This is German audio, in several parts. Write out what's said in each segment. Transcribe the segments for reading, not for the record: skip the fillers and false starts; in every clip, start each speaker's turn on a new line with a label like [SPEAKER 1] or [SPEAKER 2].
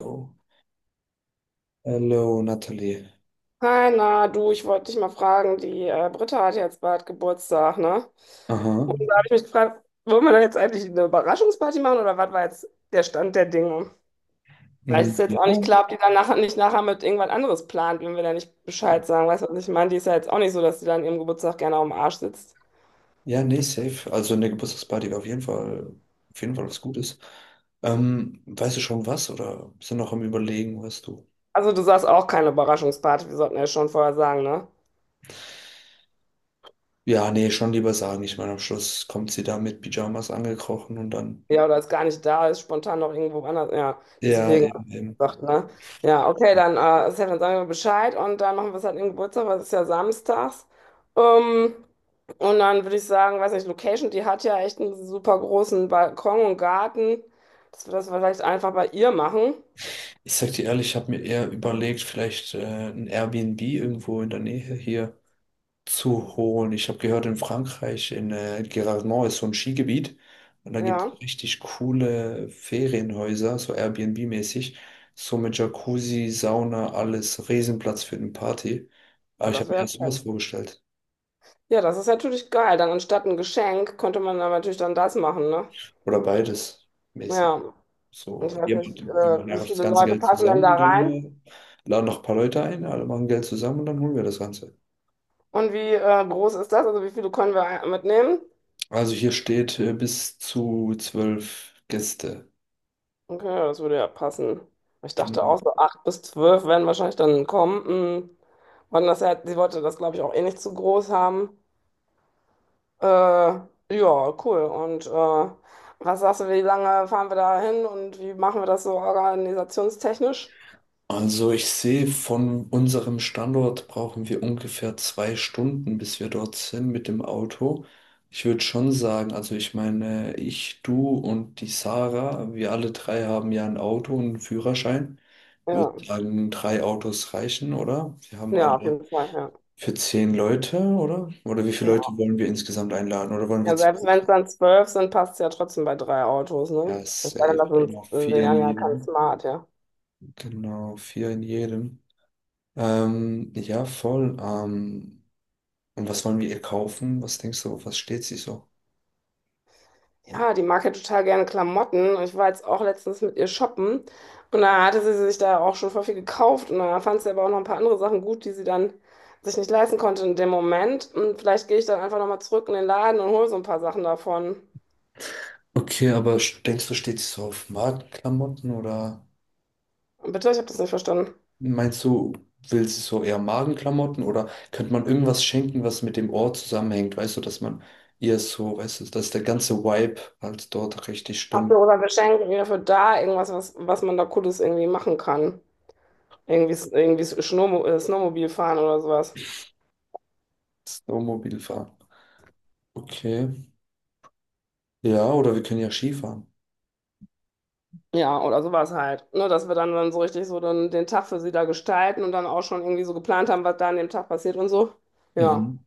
[SPEAKER 1] Oh. Hallo, Nathalie.
[SPEAKER 2] Hi, na, du, ich wollte dich mal fragen, die Britta hat ja jetzt bald Geburtstag, ne?
[SPEAKER 1] Aha.
[SPEAKER 2] Und da habe ich mich gefragt, wollen wir da jetzt eigentlich eine Überraschungsparty machen oder was war jetzt der Stand der Dinge? Vielleicht
[SPEAKER 1] Mm,
[SPEAKER 2] ist jetzt auch nicht
[SPEAKER 1] ja,
[SPEAKER 2] klar, ob die dann nachher nicht nachher mit irgendwas anderes plant, wenn wir da nicht Bescheid sagen. Weißt du, was ich meine? Die ist ja jetzt auch nicht so, dass die dann ihrem Geburtstag gerne auf dem Arsch sitzt.
[SPEAKER 1] ja, nee, safe. Also eine Geburtstagsparty wäre auf jeden Fall was Gutes. Weißt du schon was oder sind noch am Überlegen, weißt du?
[SPEAKER 2] Also du sagst auch keine Überraschungsparty, wir sollten ja schon vorher sagen, ne?
[SPEAKER 1] Ja, nee, schon lieber sagen. Ich meine, am Schluss kommt sie da mit Pyjamas angekrochen und dann.
[SPEAKER 2] Ja, oder ist gar nicht da ist, spontan noch irgendwo anders. Ja,
[SPEAKER 1] Ja,
[SPEAKER 2] deswegen hab
[SPEAKER 1] eben,
[SPEAKER 2] ich
[SPEAKER 1] eben.
[SPEAKER 2] gesagt, ne? Ja, okay, dann, Sven, dann sagen wir Bescheid und dann machen wir es halt im Geburtstag, weil es ist ja samstags. Ähm, und dann würde ich sagen, weiß nicht, Location, die hat ja echt einen super großen Balkon und Garten, dass wir das vielleicht einfach bei ihr machen.
[SPEAKER 1] Ich sag dir ehrlich, ich habe mir eher überlegt, vielleicht ein Airbnb irgendwo in der Nähe hier zu holen. Ich habe gehört, in Frankreich, in Gérardmer ist so ein Skigebiet und da gibt es
[SPEAKER 2] Ja,
[SPEAKER 1] richtig coole Ferienhäuser, so Airbnb-mäßig, so mit Jacuzzi, Sauna, alles, Riesenplatz für eine Party.
[SPEAKER 2] ja,
[SPEAKER 1] Aber ich
[SPEAKER 2] das
[SPEAKER 1] habe mir
[SPEAKER 2] wäre
[SPEAKER 1] erst sowas
[SPEAKER 2] fett.
[SPEAKER 1] vorgestellt.
[SPEAKER 2] Ja, das ist natürlich geil. Dann anstatt ein Geschenk könnte man dann natürlich dann das machen, ne?
[SPEAKER 1] Oder beides mäßig.
[SPEAKER 2] Ja,
[SPEAKER 1] So,
[SPEAKER 2] ich weiß nicht,
[SPEAKER 1] jemand, wir machen
[SPEAKER 2] wie
[SPEAKER 1] einfach das
[SPEAKER 2] viele
[SPEAKER 1] ganze
[SPEAKER 2] Leute
[SPEAKER 1] Geld
[SPEAKER 2] passen denn
[SPEAKER 1] zusammen
[SPEAKER 2] da
[SPEAKER 1] und dann
[SPEAKER 2] rein?
[SPEAKER 1] laden noch ein paar Leute ein, alle machen Geld zusammen und dann holen wir das Ganze.
[SPEAKER 2] Und wie groß ist das? Also wie viele können wir mitnehmen?
[SPEAKER 1] Also hier steht bis zu 12 Gäste.
[SPEAKER 2] Okay, ja, das würde ja passen. Ich dachte auch
[SPEAKER 1] Genau.
[SPEAKER 2] so acht bis zwölf werden wahrscheinlich dann kommen. Hm. Wann das ja, sie wollte das, glaube ich, auch eh nicht zu groß haben. Ja, cool. Und was sagst du, wie lange fahren wir da hin und wie machen wir das so organisationstechnisch?
[SPEAKER 1] Also ich sehe, von unserem Standort brauchen wir ungefähr 2 Stunden, bis wir dort sind mit dem Auto. Ich würde schon sagen, also ich meine, ich, du und die Sarah, wir alle drei haben ja ein Auto und einen Führerschein. Ich würde
[SPEAKER 2] Ja,
[SPEAKER 1] sagen, drei Autos reichen, oder? Wir haben
[SPEAKER 2] ja, auf
[SPEAKER 1] alle
[SPEAKER 2] jeden Fall, ja.
[SPEAKER 1] für 10 Leute, oder? Oder wie viele
[SPEAKER 2] Ja,
[SPEAKER 1] Leute wollen wir insgesamt einladen? Oder wollen wir
[SPEAKER 2] ja selbst
[SPEAKER 1] 12?
[SPEAKER 2] wenn es dann zwölf sind, passt es ja trotzdem bei drei Autos, ne?
[SPEAKER 1] Ja,
[SPEAKER 2] Es sei denn,
[SPEAKER 1] safe.
[SPEAKER 2] das sind,
[SPEAKER 1] Genau, vier
[SPEAKER 2] wir
[SPEAKER 1] in
[SPEAKER 2] haben ja kein
[SPEAKER 1] jedem.
[SPEAKER 2] Smart, ja.
[SPEAKER 1] Genau, vier in jedem. Ja, voll. Und was wollen wir ihr kaufen? Was denkst du, auf was steht sie so?
[SPEAKER 2] Ja, die mag ja total gerne Klamotten. Und ich war jetzt auch letztens mit ihr shoppen. Und da hatte sie sich da auch schon voll viel gekauft. Und da fand sie aber auch noch ein paar andere Sachen gut, die sie dann sich nicht leisten konnte in dem Moment. Und vielleicht gehe ich dann einfach nochmal zurück in den Laden und hole so ein paar Sachen davon.
[SPEAKER 1] Okay, aber denkst du, steht sie so auf Magenklamotten oder
[SPEAKER 2] Bitte, ich habe das nicht verstanden.
[SPEAKER 1] meinst du, will sie so eher Magenklamotten oder könnte man irgendwas schenken, was mit dem Ort zusammenhängt? Weißt du, dass man ihr so, weißt du, dass der ganze Vibe halt dort richtig
[SPEAKER 2] Hast du
[SPEAKER 1] stimmt.
[SPEAKER 2] oder Geschenk irgendwie dafür da, irgendwas, was, was man da Cooles irgendwie machen kann? Irgendwie, irgendwie Snowmobil fahren oder sowas.
[SPEAKER 1] Snowmobil fahren. Okay. Ja, oder wir können ja Skifahren.
[SPEAKER 2] Ja, oder sowas halt. Ne, dass wir dann, dann so richtig so dann den Tag für sie da gestalten und dann auch schon irgendwie so geplant haben, was da an dem Tag passiert und so. Ja,
[SPEAKER 1] Mhm.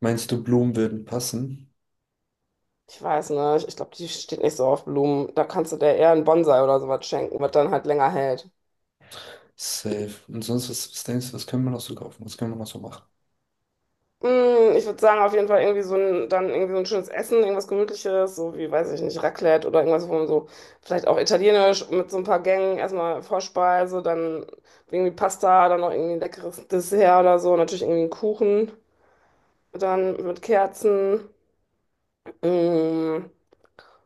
[SPEAKER 1] Meinst du, Blumen würden passen?
[SPEAKER 2] ich weiß nicht. Ich glaube, die steht nicht so auf Blumen. Da kannst du der eher einen Bonsai oder sowas schenken, was dann halt länger hält.
[SPEAKER 1] Safe. Und sonst, was denkst du, was können wir noch so kaufen? Was können wir noch so machen?
[SPEAKER 2] Mm, ich würde sagen, auf jeden Fall irgendwie so ein, dann irgendwie so ein schönes Essen, irgendwas Gemütliches, so wie, weiß ich nicht, Raclette oder irgendwas, wo man so, vielleicht auch italienisch mit so ein paar Gängen, erstmal Vorspeise, dann irgendwie Pasta, dann noch irgendwie ein leckeres Dessert oder so, natürlich irgendwie einen Kuchen, dann mit Kerzen. Mm,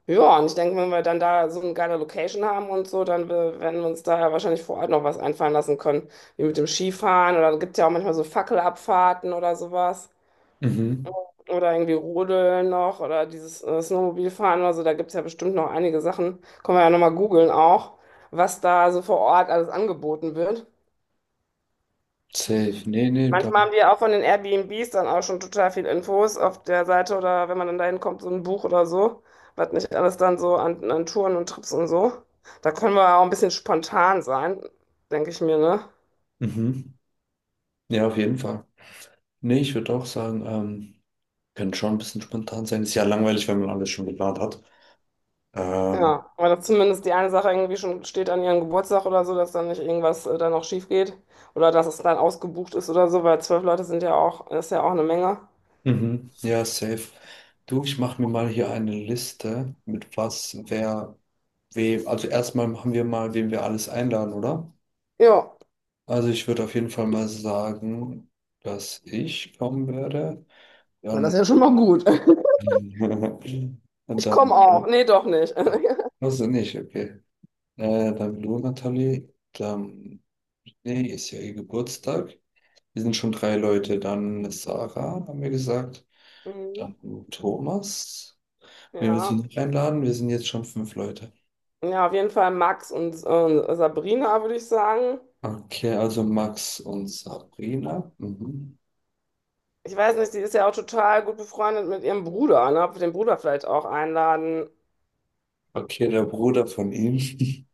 [SPEAKER 2] ja, und ich denke, wenn wir dann da so eine geile Location haben und so, dann werden wir uns da ja wahrscheinlich vor Ort noch was einfallen lassen können, wie mit dem Skifahren oder gibt ja auch manchmal so Fackelabfahrten oder sowas.
[SPEAKER 1] Mhm.
[SPEAKER 2] Oder irgendwie Rodeln noch oder dieses Snowmobilfahren oder so, da gibt es ja bestimmt noch einige Sachen. Können wir ja nochmal googeln auch, was da so vor Ort alles angeboten wird.
[SPEAKER 1] Safe. Nee, nee, da.
[SPEAKER 2] Manchmal haben die ja auch von den Airbnbs dann auch schon total viel Infos auf der Seite oder wenn man dann dahin kommt, so ein Buch oder so, was nicht alles dann so an, an Touren und Trips und so. Da können wir auch ein bisschen spontan sein, denke ich mir, ne?
[SPEAKER 1] Mhm. Ja, auf jeden Fall. Nee, ich würde auch sagen, könnte schon ein bisschen spontan sein. Ist ja langweilig, wenn man alles schon geplant hat. Ähm,
[SPEAKER 2] Ja, aber dass zumindest die eine Sache irgendwie schon steht an ihrem Geburtstag oder so, dass dann nicht irgendwas dann noch schief geht oder dass es dann ausgebucht ist oder so, weil zwölf Leute sind ja auch, das ist ja auch eine Menge.
[SPEAKER 1] mhm. Ja, safe. Du, ich mache mir mal hier eine Liste mit was, wer, wem. Also erstmal machen wir mal, wen wir alles einladen, oder?
[SPEAKER 2] Ja,
[SPEAKER 1] Also ich würde auf jeden Fall mal sagen, dass ich kommen werde.
[SPEAKER 2] na, das ist
[SPEAKER 1] Dann,
[SPEAKER 2] ja schon mal gut.
[SPEAKER 1] und
[SPEAKER 2] Ich komme
[SPEAKER 1] dann,
[SPEAKER 2] auch. Nee, doch nicht.
[SPEAKER 1] also nicht, okay. Dann du, Nathalie, dann. Nee, ist ja ihr Geburtstag. Wir sind schon drei Leute. Dann Sarah, haben wir gesagt.
[SPEAKER 2] Mhm.
[SPEAKER 1] Dann Thomas. Wen willst du
[SPEAKER 2] Ja.
[SPEAKER 1] noch einladen? Wir sind jetzt schon fünf Leute.
[SPEAKER 2] Ja, auf jeden Fall Max und Sabrina, würde ich sagen.
[SPEAKER 1] Okay, also Max und Sabrina. Mhm.
[SPEAKER 2] Ich weiß nicht, die ist ja auch total gut befreundet mit ihrem Bruder, ne? Ob wir den Bruder vielleicht auch einladen
[SPEAKER 1] Okay, der Bruder von ihm.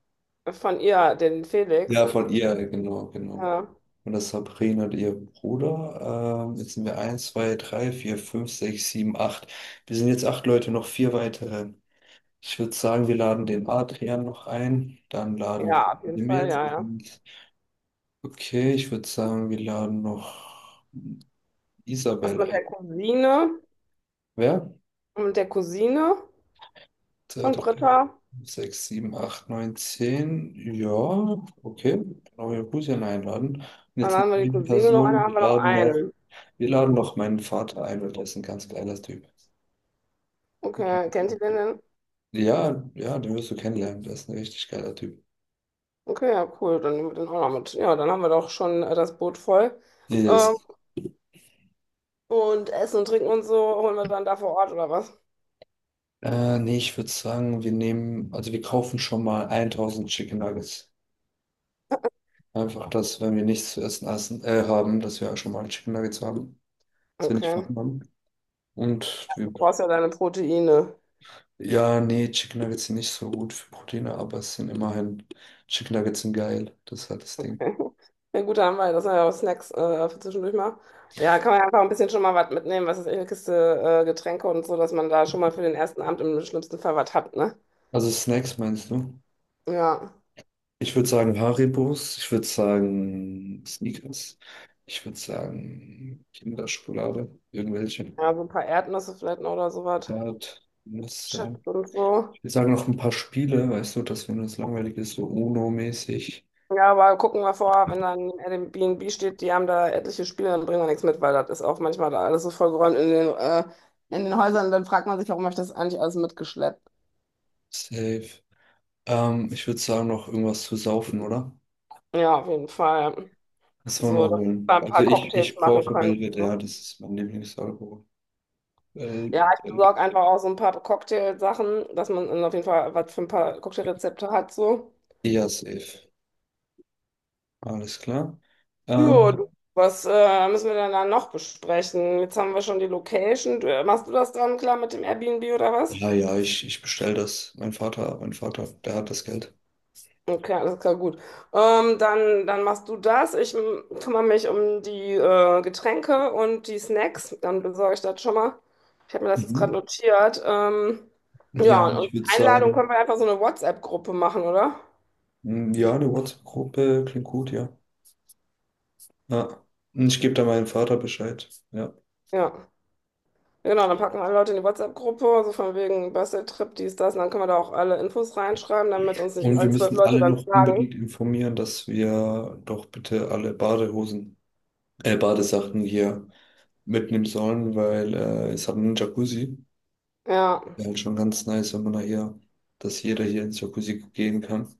[SPEAKER 2] von ihr, den
[SPEAKER 1] Ja,
[SPEAKER 2] Felix.
[SPEAKER 1] von ihr, genau, genau.
[SPEAKER 2] Ja,
[SPEAKER 1] Und das Sabrina und ihr Bruder. Jetzt sind wir eins, zwei, drei, vier, fünf, sechs, sieben, acht. Wir sind jetzt acht Leute, noch vier weitere. Ich würde sagen, wir laden den Adrian noch ein. Dann laden
[SPEAKER 2] ja,
[SPEAKER 1] wir
[SPEAKER 2] auf jeden Fall,
[SPEAKER 1] Mehmet.
[SPEAKER 2] ja, ja.
[SPEAKER 1] Okay, ich würde sagen, wir laden noch
[SPEAKER 2] Was
[SPEAKER 1] Isabel
[SPEAKER 2] mit der
[SPEAKER 1] ein.
[SPEAKER 2] Cousine?
[SPEAKER 1] Wer?
[SPEAKER 2] Und mit der Cousine
[SPEAKER 1] Zwei,
[SPEAKER 2] von
[SPEAKER 1] drei, vier,
[SPEAKER 2] Britta?
[SPEAKER 1] fünf, sechs, sieben, acht, neun, 10. Ja, okay. Genau, wir Rusian einladen. Und
[SPEAKER 2] Dann
[SPEAKER 1] jetzt noch
[SPEAKER 2] haben wir die
[SPEAKER 1] eine
[SPEAKER 2] Cousine noch, eine
[SPEAKER 1] Person.
[SPEAKER 2] haben wir noch einen.
[SPEAKER 1] Wir laden noch meinen Vater ein, weil der ist ein ganz geiler Typ.
[SPEAKER 2] Okay, kennt ihr den denn?
[SPEAKER 1] Ja, ja, den wirst du kennenlernen. Der ist ein richtig geiler Typ.
[SPEAKER 2] Okay, ja, cool, dann nehmen wir den auch noch mit. Ja, dann haben wir doch schon das Boot voll. Ähm,
[SPEAKER 1] Yes.
[SPEAKER 2] und Essen und Trinken und so holen wir dann da vor Ort, oder was?
[SPEAKER 1] Nee, ich würde sagen, wir nehmen, also wir kaufen schon mal 1000 Chicken Nuggets. Einfach, dass, wenn wir nichts zu essen, haben, dass wir schon mal Chicken Nuggets haben, dass wir nicht
[SPEAKER 2] Okay.
[SPEAKER 1] verhungern. Und
[SPEAKER 2] Du
[SPEAKER 1] wir,
[SPEAKER 2] brauchst ja deine Proteine.
[SPEAKER 1] ja, nee, Chicken Nuggets sind nicht so gut für Proteine, aber es sind immerhin, Chicken Nuggets sind geil. Das ist halt das Ding.
[SPEAKER 2] Okay. Ja, gut, da haben wir, das sind ja auch Snacks für zwischendurch mal. Ja, kann man ja einfach ein bisschen schon mal was mitnehmen, was ist echt eine Kiste Getränke und so, dass man da schon mal für den ersten Abend im schlimmsten Fall was hat, ne?
[SPEAKER 1] Also Snacks meinst du?
[SPEAKER 2] Ja.
[SPEAKER 1] Ich würde sagen Haribos, ich würde sagen Snickers, ich würde sagen Kinderschokolade, irgendwelche.
[SPEAKER 2] Ja, so ein paar Erdnüsse vielleicht noch oder sowas.
[SPEAKER 1] Ja, Nüsse.
[SPEAKER 2] Chips und so.
[SPEAKER 1] Wir sagen noch ein paar Spiele, weißt du, dass wenn es langweilig ist, so UNO-mäßig.
[SPEAKER 2] Ja, aber gucken wir vor, wenn dann Airbnb steht, die haben da etliche Spiele, dann bringen wir nichts mit, weil das ist auch manchmal da alles so vollgeräumt in den Häusern. Dann fragt man sich, warum habe ich das eigentlich alles mitgeschleppt?
[SPEAKER 1] Safe. Ich würde sagen, noch irgendwas zu saufen, oder?
[SPEAKER 2] Ja, auf jeden Fall.
[SPEAKER 1] Das wollen wir
[SPEAKER 2] So, dass
[SPEAKER 1] holen.
[SPEAKER 2] man ein
[SPEAKER 1] Also
[SPEAKER 2] paar
[SPEAKER 1] ich,
[SPEAKER 2] Cocktails
[SPEAKER 1] ich
[SPEAKER 2] machen
[SPEAKER 1] brauche
[SPEAKER 2] kann und
[SPEAKER 1] Belvedere,
[SPEAKER 2] so.
[SPEAKER 1] ja, das ist mein Lieblingsalkohol. Ähm,
[SPEAKER 2] Ja, ich besorge einfach auch so ein paar Cocktailsachen, dass man dann auf jeden Fall was für ein paar Cocktailrezepte hat. So.
[SPEAKER 1] ja, safe. Alles klar.
[SPEAKER 2] Ja,
[SPEAKER 1] Ähm,
[SPEAKER 2] du, was müssen wir denn dann noch besprechen? Jetzt haben wir schon die Location. Du, machst du das dann klar mit dem Airbnb oder was?
[SPEAKER 1] ja, ja, ich bestelle das. Mein Vater, der hat das Geld.
[SPEAKER 2] Okay, alles klar, gut. Dann, dann machst du das. Kümmere mich um die Getränke und die Snacks. Dann besorge ich das schon mal. Ich habe mir das jetzt gerade
[SPEAKER 1] Mhm.
[SPEAKER 2] notiert.
[SPEAKER 1] Ja,
[SPEAKER 2] Ja,
[SPEAKER 1] und
[SPEAKER 2] und
[SPEAKER 1] ich
[SPEAKER 2] die
[SPEAKER 1] würde
[SPEAKER 2] Einladung
[SPEAKER 1] sagen,
[SPEAKER 2] können wir einfach so eine WhatsApp-Gruppe machen, oder?
[SPEAKER 1] ja, eine WhatsApp-Gruppe klingt gut, ja. Ja. Und ich gebe da meinem Vater Bescheid. Ja.
[SPEAKER 2] Ja. Genau, dann packen alle Leute in die WhatsApp-Gruppe, so von wegen Basteltrip, dies, das. Und dann können wir da auch alle Infos reinschreiben, damit uns nicht
[SPEAKER 1] Und wir
[SPEAKER 2] alle zwölf
[SPEAKER 1] müssen
[SPEAKER 2] Leute
[SPEAKER 1] alle
[SPEAKER 2] dann
[SPEAKER 1] noch
[SPEAKER 2] fragen.
[SPEAKER 1] unbedingt informieren, dass wir doch bitte alle Badehosen, Badesachen hier mitnehmen sollen, weil es hat einen Jacuzzi.
[SPEAKER 2] Ja.
[SPEAKER 1] Wäre halt schon ganz nice, wenn man da hier, dass jeder hier ins Jacuzzi gehen kann.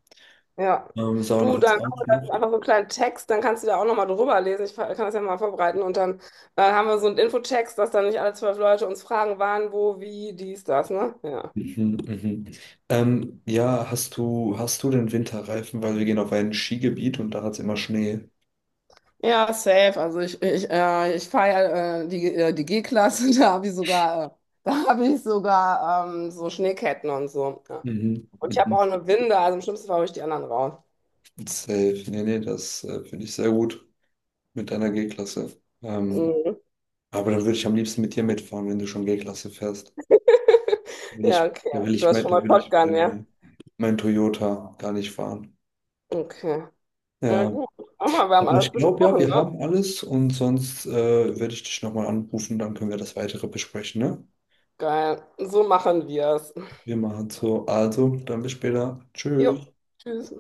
[SPEAKER 2] Ja.
[SPEAKER 1] Sauna
[SPEAKER 2] Du,
[SPEAKER 1] hat's
[SPEAKER 2] dann
[SPEAKER 1] auch
[SPEAKER 2] machen wir
[SPEAKER 1] noch.
[SPEAKER 2] das einfach so einen kleinen Text, dann kannst du da auch nochmal drüber lesen. Kann das ja mal vorbereiten. Und dann haben wir so einen Infotext, dass dann nicht alle zwölf Leute uns fragen, wann, wo, wie, dies, das, ne? Ja.
[SPEAKER 1] Mhm, mhm. Ja, hast du den Winterreifen, weil wir gehen auf ein Skigebiet und da hat es immer Schnee.
[SPEAKER 2] Ja, safe. Also ich fahre ja, die G-Klasse, da habe ich sogar so Schneeketten und so. Ja.
[SPEAKER 1] Mhm,
[SPEAKER 2] Und ich habe
[SPEAKER 1] mhm.
[SPEAKER 2] auch eine Winde, also im schlimmsten Fall hole ich die anderen raus.
[SPEAKER 1] Safe. Nee, nee, das finde ich sehr gut mit deiner G-Klasse. Ähm,
[SPEAKER 2] Mhm.
[SPEAKER 1] Aber dann würde ich am liebsten mit dir mitfahren, wenn du schon G-Klasse fährst. Will
[SPEAKER 2] Ja,
[SPEAKER 1] ich,
[SPEAKER 2] okay. Du hast schon
[SPEAKER 1] da
[SPEAKER 2] mal
[SPEAKER 1] will ich
[SPEAKER 2] Shotgun,
[SPEAKER 1] mein,
[SPEAKER 2] ja?
[SPEAKER 1] mein Toyota gar nicht fahren.
[SPEAKER 2] Okay. Ja,
[SPEAKER 1] Ja.
[SPEAKER 2] gut. Guck mal, wir haben
[SPEAKER 1] Aber ich
[SPEAKER 2] alles
[SPEAKER 1] glaube ja,
[SPEAKER 2] besprochen,
[SPEAKER 1] wir
[SPEAKER 2] ne?
[SPEAKER 1] haben alles und sonst werde ich dich nochmal anrufen, dann können wir das weitere besprechen, ne?
[SPEAKER 2] Geil. So machen wir es.
[SPEAKER 1] Wir machen so. Also, dann bis später. Tschüss.
[SPEAKER 2] Jo. Tschüss.